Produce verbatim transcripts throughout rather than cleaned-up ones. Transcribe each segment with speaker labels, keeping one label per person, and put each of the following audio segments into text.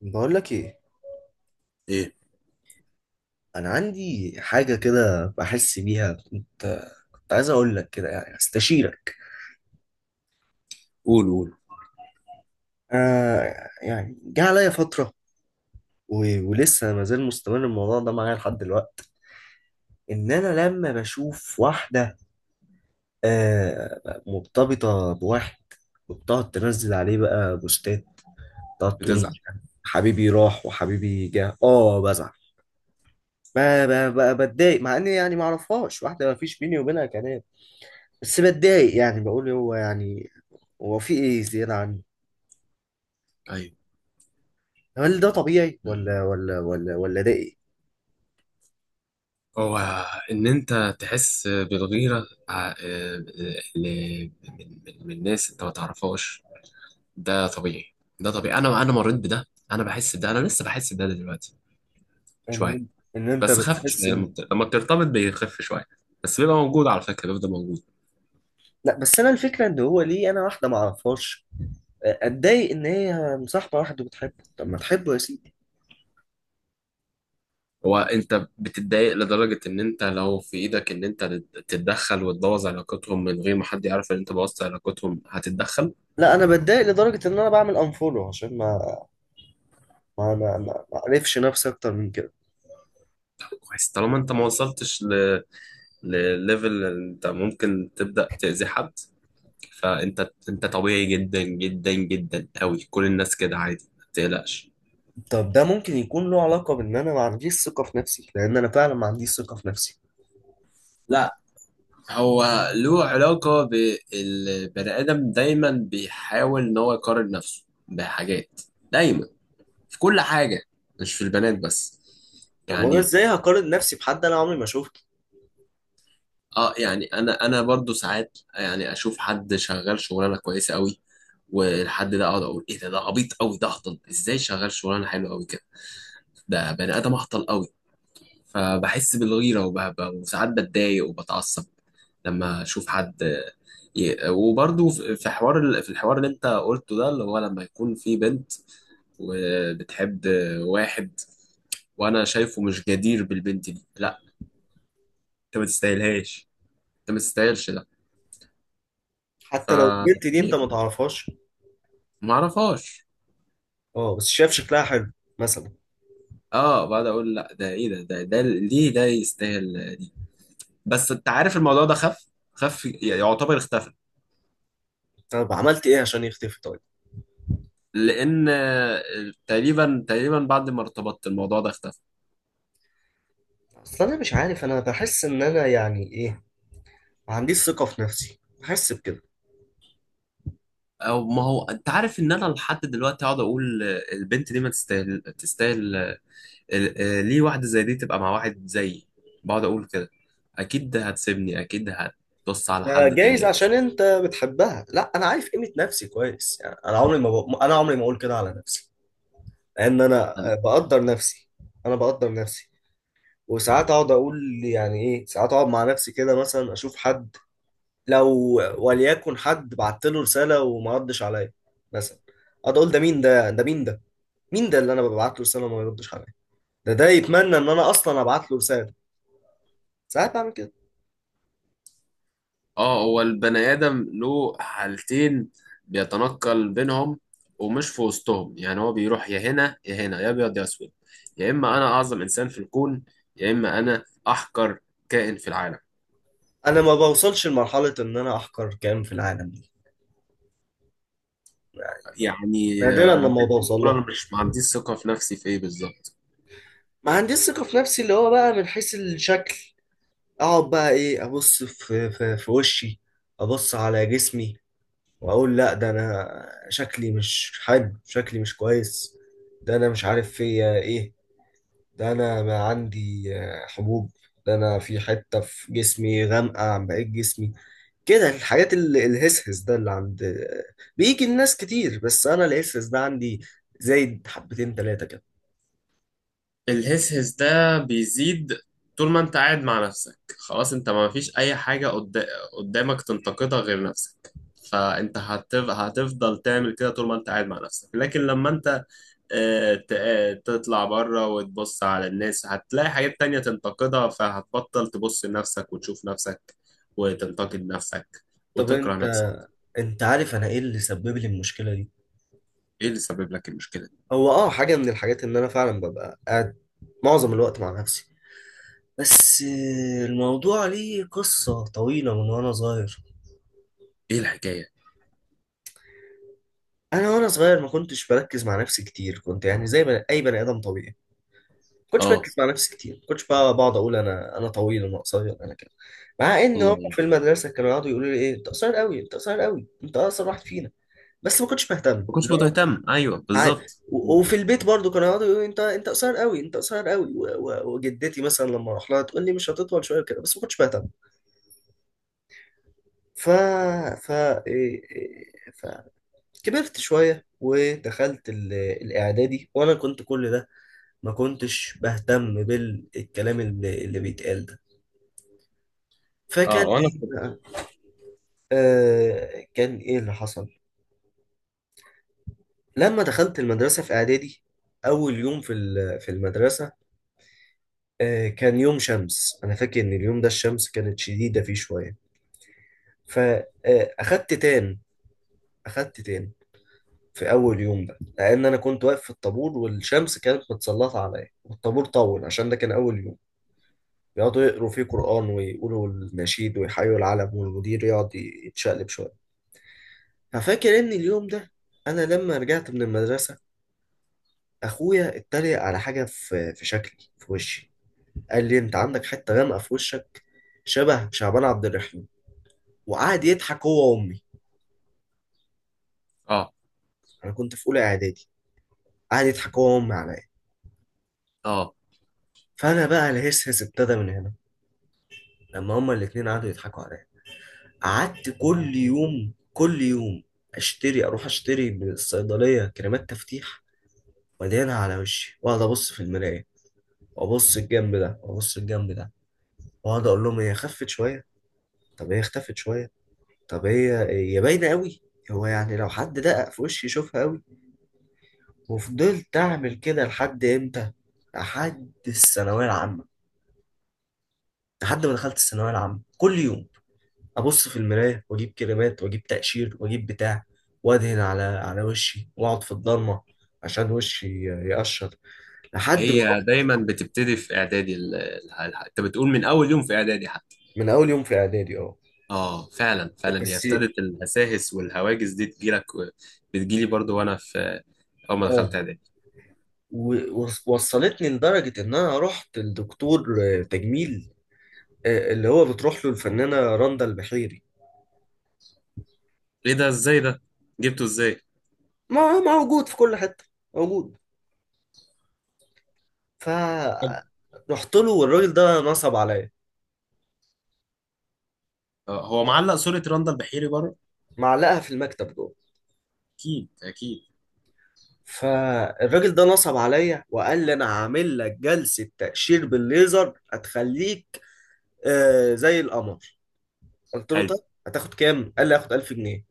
Speaker 1: بقول لك ايه؟
Speaker 2: ايه؟
Speaker 1: انا عندي حاجه كده بحس بيها. كنت كنت عايز اقول لك كده، يعني استشيرك.
Speaker 2: قول قول.
Speaker 1: آه، يعني جه عليا فتره و... ولسه ما زال مستمر الموضوع ده معايا لحد دلوقتي، ان انا لما بشوف واحده آه مرتبطه بواحد، وبتقعد تنزل عليه بقى بوستات، تقعد تقول
Speaker 2: بتزعل؟
Speaker 1: مش عارف حبيبي راح وحبيبي جه، اه بزعل. بقى بقى بقى بتضايق، مع اني يعني ما اعرفهاش، واحده ما فيش بيني وبينها كلام، بس بتضايق. يعني بقول هو يعني هو في ايه زيادة عني؟
Speaker 2: ايوه.
Speaker 1: هل ده طبيعي،
Speaker 2: مم.
Speaker 1: ولا ولا ولا ولا ده ايه؟
Speaker 2: هو ان انت تحس بالغيره ع- آه، ل- من من- من ناس انت ما تعرفهاش، ده طبيعي. ده طبيعي، انا انا مريت بده. انا بحس بده، انا لسه بحس بده دلوقتي شويه.
Speaker 1: ان ان انت
Speaker 2: بس خف
Speaker 1: بتحس
Speaker 2: شويه، لما
Speaker 1: ان
Speaker 2: بت- لما بترتبط بيخف شويه، بس بيبقى موجود على فكره، بيفضل موجود.
Speaker 1: لا. بس انا الفكرة ان هو ليه انا، واحدة ما اعرفهاش، اتضايق ان هي مصاحبة واحد وبتحبه؟ طب ما تحبه يا سيدي.
Speaker 2: هو انت بتتضايق لدرجه ان انت لو في ايدك ان انت تتدخل وتبوظ علاقتهم من غير ما حد يعرف ان انت بوظت علاقتهم هتتدخل؟
Speaker 1: لا انا بتضايق لدرجة ان انا بعمل انفولو، عشان ما ما ما ما ما اعرفش نفسي اكتر من كده.
Speaker 2: كويس، طالما انت ما وصلتش لليفل انت ممكن تبدأ تأذي حد. فانت انت طبيعي جدا جدا جدا قوي، كل الناس كده، عادي، ما تقلقش.
Speaker 1: طب ده ممكن يكون له علاقة بان انا ما عنديش ثقة في نفسي؟ لان انا فعلا ما عنديش ثقة في نفسي.
Speaker 2: لا، هو له علاقة بالبني آدم، دايما بيحاول إن هو يقارن نفسه بحاجات، دايما، في كل حاجة، مش في البنات بس.
Speaker 1: طب وانا
Speaker 2: يعني
Speaker 1: ازاي هقارن نفسي بحد انا عمري ما شفته؟
Speaker 2: اه يعني انا انا برضو ساعات يعني اشوف حد شغال شغلانه كويسه قوي، والحد ده اقعد اقول ايه ده، ده عبيط قوي، ده هطل ازاي شغال شغلانه حلوه قوي كده، ده بني ادم اهطل قوي. فبحس بالغيره وبهبه، وساعات بتضايق وبتعصب لما اشوف حد. ي- وبرضه في في حوار ال- في الحوار اللي انت قلته ده، اللي هو لما يكون في بنت وبتحب واحد وانا شايفه مش جدير بالبنت دي، لا، انت ما تستاهلهاش، انت ما تستاهلش ده. ف
Speaker 1: حتى لو البنت دي انت
Speaker 2: ليه؟
Speaker 1: ما تعرفهاش؟
Speaker 2: ما اعرفهاش.
Speaker 1: اه بس شايف شكلها حلو مثلا.
Speaker 2: اه، بعد اقول لا ده ايه ده، ده, ده ليه ده يستاهل دي. بس انت عارف الموضوع ده خف، خف يعتبر اختفى.
Speaker 1: طب عملت ايه عشان يختفي طيب؟
Speaker 2: لان تقريبا تقريبا بعد ما ارتبطت الموضوع ده اختفى.
Speaker 1: اصل انا مش عارف، انا بحس ان انا، يعني ايه، ما عنديش ثقة في نفسي، بحس بكده.
Speaker 2: او ما هو انت عارف ان انا لحد دلوقتي اقعد اقول البنت دي ما تستاهل تستاهل. ال- آه، ليه واحده زي دي تبقى مع واحد زيي؟ بقعد اقول كده، اكيد هتسيبني، اكيد هتبص على
Speaker 1: ده
Speaker 2: حد
Speaker 1: جايز
Speaker 2: تاني.
Speaker 1: عشان انت بتحبها. لا، انا عارف قيمة نفسي كويس، يعني انا عمري ما ب... انا عمري ما اقول كده على نفسي، لان انا آه، بقدر نفسي. انا بقدر نفسي. وساعات اقعد اقول يعني ايه، ساعات اقعد مع نفسي كده، مثلا اشوف حد، لو وليكن حد بعت له رساله وما ردش عليا مثلا، اقعد اقول ده مين ده، ده مين ده، مين ده اللي انا ببعت له رساله وما يردش عليا؟ ده ده يتمنى ان انا اصلا ابعت له رساله. ساعات بعمل كده.
Speaker 2: اه، هو البني آدم له حالتين بيتنقل بينهم ومش في وسطهم، يعني هو بيروح يا هنا يا هنا، يا أبيض يا أسود، يا إما أنا أعظم إنسان في الكون، يا إما أنا أحقر كائن في العالم.
Speaker 1: انا ما بوصلش لمرحله ان انا احقر كائن في العالم دي يعني.
Speaker 2: يعني
Speaker 1: نادرا
Speaker 2: آه، أمال
Speaker 1: لما
Speaker 2: أنت
Speaker 1: بوصل
Speaker 2: بتقول
Speaker 1: لها.
Speaker 2: أنا مش ما عنديش ثقة في نفسي في إيه بالظبط؟
Speaker 1: ما عنديش ثقه في نفسي، اللي هو بقى من حيث الشكل، اقعد بقى ايه، ابص في في, في وشي، ابص على جسمي، واقول لا ده انا شكلي مش حلو، شكلي مش كويس، ده انا مش عارف فيا ايه، ده انا ما عندي آه، حبوب، ده انا في حته في جسمي غامقه عن بقيه جسمي، كده. الحاجات ال- الهسهس ده اللي عند، بيجي الناس كتير، بس انا الهسهس ده عندي زايد حبتين تلاتة كده.
Speaker 2: الهسهس ده بيزيد طول ما أنت قاعد مع نفسك، خلاص أنت ما فيش أي حاجة قد- قدامك تنتقدها غير نفسك. فأنت هتف... هتفضل تعمل كده طول ما أنت قاعد مع نفسك، لكن لما أنت آه، ت- آه، تطلع بره وتبص على الناس هتلاقي حاجات تانية تنتقدها، فهتبطل تبص لنفسك وتشوف نفسك وتنتقد نفسك
Speaker 1: طب
Speaker 2: وتكره
Speaker 1: انت
Speaker 2: نفسك.
Speaker 1: انت عارف انا ايه اللي سبب لي المشكلة دي؟
Speaker 2: ايه اللي سبب لك المشكلة؟
Speaker 1: هو اه حاجة من الحاجات ان انا فعلا ببقى قاعد معظم الوقت مع نفسي. بس الموضوع ليه قصة طويلة من وانا صغير.
Speaker 2: ايه الحكاية؟
Speaker 1: انا وانا صغير ما كنتش بركز مع نفسي كتير، كنت يعني زي بني- اي بني ادم طبيعي، كنتش
Speaker 2: اه.
Speaker 1: بركز مع نفسي كتير، كنتش بقى بقعد اقول انا انا طويل، انا قصير، انا كده، مع ان هم
Speaker 2: الله.
Speaker 1: في المدرسه كانوا يقعدوا يقولوا لي ايه، انت قصير قوي، انت قصير قوي، انت اقصر واحد فينا، بس ما كنتش بهتم
Speaker 2: ما كنتش
Speaker 1: اللي هو،
Speaker 2: بتهتم، ايوه
Speaker 1: عادي.
Speaker 2: بالظبط.
Speaker 1: و- وفي البيت برضو كانوا يقعدوا يقولوا لي انت انت قصير قوي، انت قصير قوي، و- و- وجدتي مثلا لما اروح لها تقول لي مش هتطول شويه كده، بس ما كنتش بهتم. ف ف إيه- إيه- فكبرت شويه ودخلت ال- الاعدادي، وانا كنت كل ده ما كنتش بهتم بالكلام اللي اللي بيتقال ده. فكان
Speaker 2: اه وانا
Speaker 1: ايه
Speaker 2: كنت.
Speaker 1: بقى؟ آه كان ايه اللي حصل لما دخلت المدرسه في اعدادي؟ اول يوم في ال- في المدرسه، آه كان يوم شمس، انا فاكر ان اليوم ده الشمس كانت شديده فيه شويه. فاخدت تان اخدت تان في اول يوم ده، لان انا كنت واقف في الطابور، والشمس كانت متسلطه عليا، والطابور طول عشان ده كان اول يوم، يقعدوا يقروا فيه قران، ويقولوا النشيد، ويحيوا العلم، والمدير يقعد يتشقلب شويه. ففاكر ان اليوم ده، انا لما رجعت من المدرسه، اخويا اتريق على حاجه في في شكلي في وشي، قال لي انت عندك حته غامقه في وشك، شبه شعبان عبد الرحيم، وقعد يضحك هو وامي.
Speaker 2: اه.
Speaker 1: انا كنت في اولى اعدادي، قعد يضحك هو وامي عليا.
Speaker 2: اه،
Speaker 1: فانا بقى الهسهس ابتدى من هنا، لما هما الاتنين قعدوا يضحكوا عليا. قعدت كل يوم كل يوم اشتري اروح اشتري من الصيدليه كريمات تفتيح، وادهنها على وشي، واقعد ابص في المرايه، وابص الجنب ده، وابص الجنب ده، واقعد اقول لهم هي خفت شويه، طب هي اختفت شويه، طب هي، هي باينة قوي، هو يعني لو حد دقق في وشي يشوفها قوي. وفضلت أعمل كده لحد إمتى؟ لحد الثانوية العامة. لحد ما دخلت الثانوية العامة، كل يوم أبص في المراية، وأجيب كريمات، وأجيب تقشير، وأجيب بتاع، وأدهن على على وشي، وأقعد في الضلمة عشان وشي ي- يقشر. لحد ما
Speaker 2: هي
Speaker 1: رحت.
Speaker 2: دايما بتبتدي في اعدادي، ال- ال- ال- انت بتقول من اول يوم في اعدادي حتى.
Speaker 1: من أول يوم في إعدادي أه.
Speaker 2: اه فعلا فعلا، هي
Speaker 1: بس
Speaker 2: ابتدت الهساهس والهواجس دي تجيلك و- بتجيلي برضو وانا في اول ما دخلت
Speaker 1: أه،
Speaker 2: اعدادي.
Speaker 1: و- وص- وصلتني لدرجة إن أنا رحت لدكتور آه، تجميل، آه، اللي هو بتروح له الفنانة رندا البحيري.
Speaker 2: ايه ده؟ ازاي ده؟ جبته ازاي؟
Speaker 1: ما هو موجود في كل حتة، موجود. ف
Speaker 2: حلو.
Speaker 1: رحت له والراجل ده نصب عليا.
Speaker 2: آه، هو معلق صورة راندال بحيري بره؟
Speaker 1: معلقها في المكتب جوه.
Speaker 2: اكيد اكيد.
Speaker 1: فالراجل ده نصب عليا وقال لي انا هعمل لك جلسة تقشير بالليزر هتخليك آه زي القمر. قلت له طب
Speaker 2: حلو.
Speaker 1: هتاخد كام؟ قال لي هاخد ألف جنيه.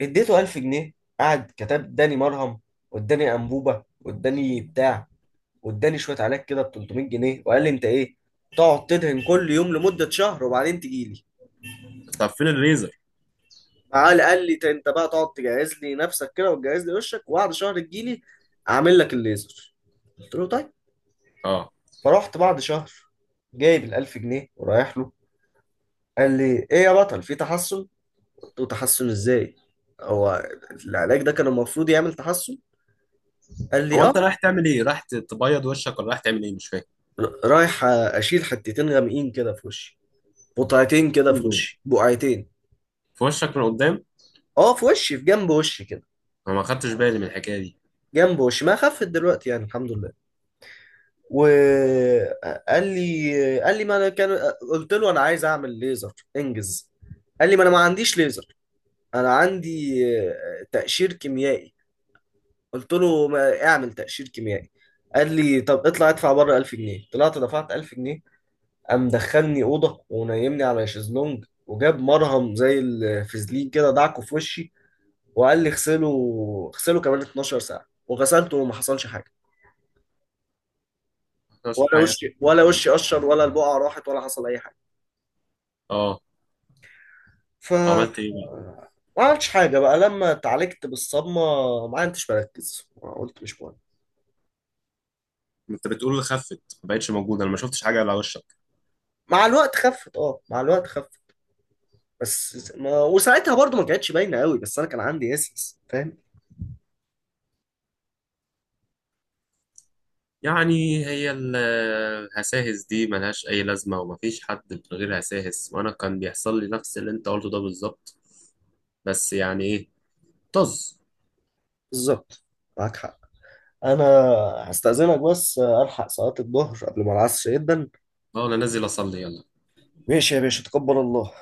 Speaker 1: اديته ألف جنيه. قعد كتب، اداني مرهم، واداني انبوبة، واداني بتاع، واداني شوية علاج كده ب ثلاثمائة جنيه، وقال لي انت ايه؟ تقعد تدهن كل يوم لمدة شهر وبعدين تجيلي.
Speaker 2: طب فين الليزر؟
Speaker 1: معاه. قال لي انت بقى تقعد تجهز لي نفسك كده، وتجهز لي وشك، وبعد شهر تجيلي اعمل لك الليزر. قلت له طيب.
Speaker 2: اه،
Speaker 1: فرحت بعد شهر، جايب الألف جنيه ورايح له. قال لي ايه يا بطل، في تحسن. قلت له تحسن ازاي؟ هو العلاج ده كان المفروض يعمل تحسن. قال لي
Speaker 2: هو انت
Speaker 1: اه.
Speaker 2: رايح تعمل ايه؟ رايح ت- تبيض وشك ولا رايح تعمل ايه؟ مش فاكر.
Speaker 1: ر- رايح اشيل حتتين غامقين كده في وشي، قطعتين كده
Speaker 2: فين
Speaker 1: في
Speaker 2: دول؟
Speaker 1: وشي، بقعتين.
Speaker 2: في وشك من قدام؟
Speaker 1: اه في وشي، في جنب وشي كده.
Speaker 2: انا ما خدتش بالي من الحكايه دي.
Speaker 1: جنب وشي ما خفت دلوقتي يعني الحمد لله. وقال لي، قال لي ما انا كان. قلت له انا عايز اعمل ليزر انجز. قال لي ما انا ما عنديش ليزر. انا عندي آه، تقشير كيميائي. قلت له ما اعمل تقشير كيميائي. قال لي طب اطلع ادفع بره ألف جنيه. طلعت دفعت ألف جنيه. قام دخلني اوضه، ونيمني على شезлونج وجاب مرهم زي الفازلين كده، دعكه في وشي، وقال لي اغسله. اغسله كمان 12 ساعه. وغسلته وما حصلش حاجه.
Speaker 2: ما خدتش
Speaker 1: ولا
Speaker 2: حاجه؟
Speaker 1: وشي، ولا وشي قشر، ولا البقعه راحت، ولا حصل اي حاجه.
Speaker 2: اه.
Speaker 1: ف
Speaker 2: وعملت ايه بقى؟
Speaker 1: ما عملتش حاجة بقى، لما اتعالجت بالصدمة، ما عدتش بركز، قلت مش مهم.
Speaker 2: انت بتقول اللي خفت ما بقتش موجوده، انا ما شفتش حاجه على وشك.
Speaker 1: مع الوقت خفت، اه مع الوقت خفت. بس ما... وساعتها برضو ما كانتش باينة قوي، بس انا كان عندي اسس، فاهم.
Speaker 2: يعني هي ال- الهساهس دي ملهاش اي لازمه، ومفيش حد من غير هساهس، وانا كان بيحصل لي نفس اللي انت قلته ده بالظبط، بس يعني ايه، طز.
Speaker 1: بالظبط، معاك حق. انا هستأذنك بس الحق صلاة الظهر قبل ما العصر يبدا.
Speaker 2: اه انا نازل اصلي، يلا.
Speaker 1: ماشي يا باشا، تقبل الله.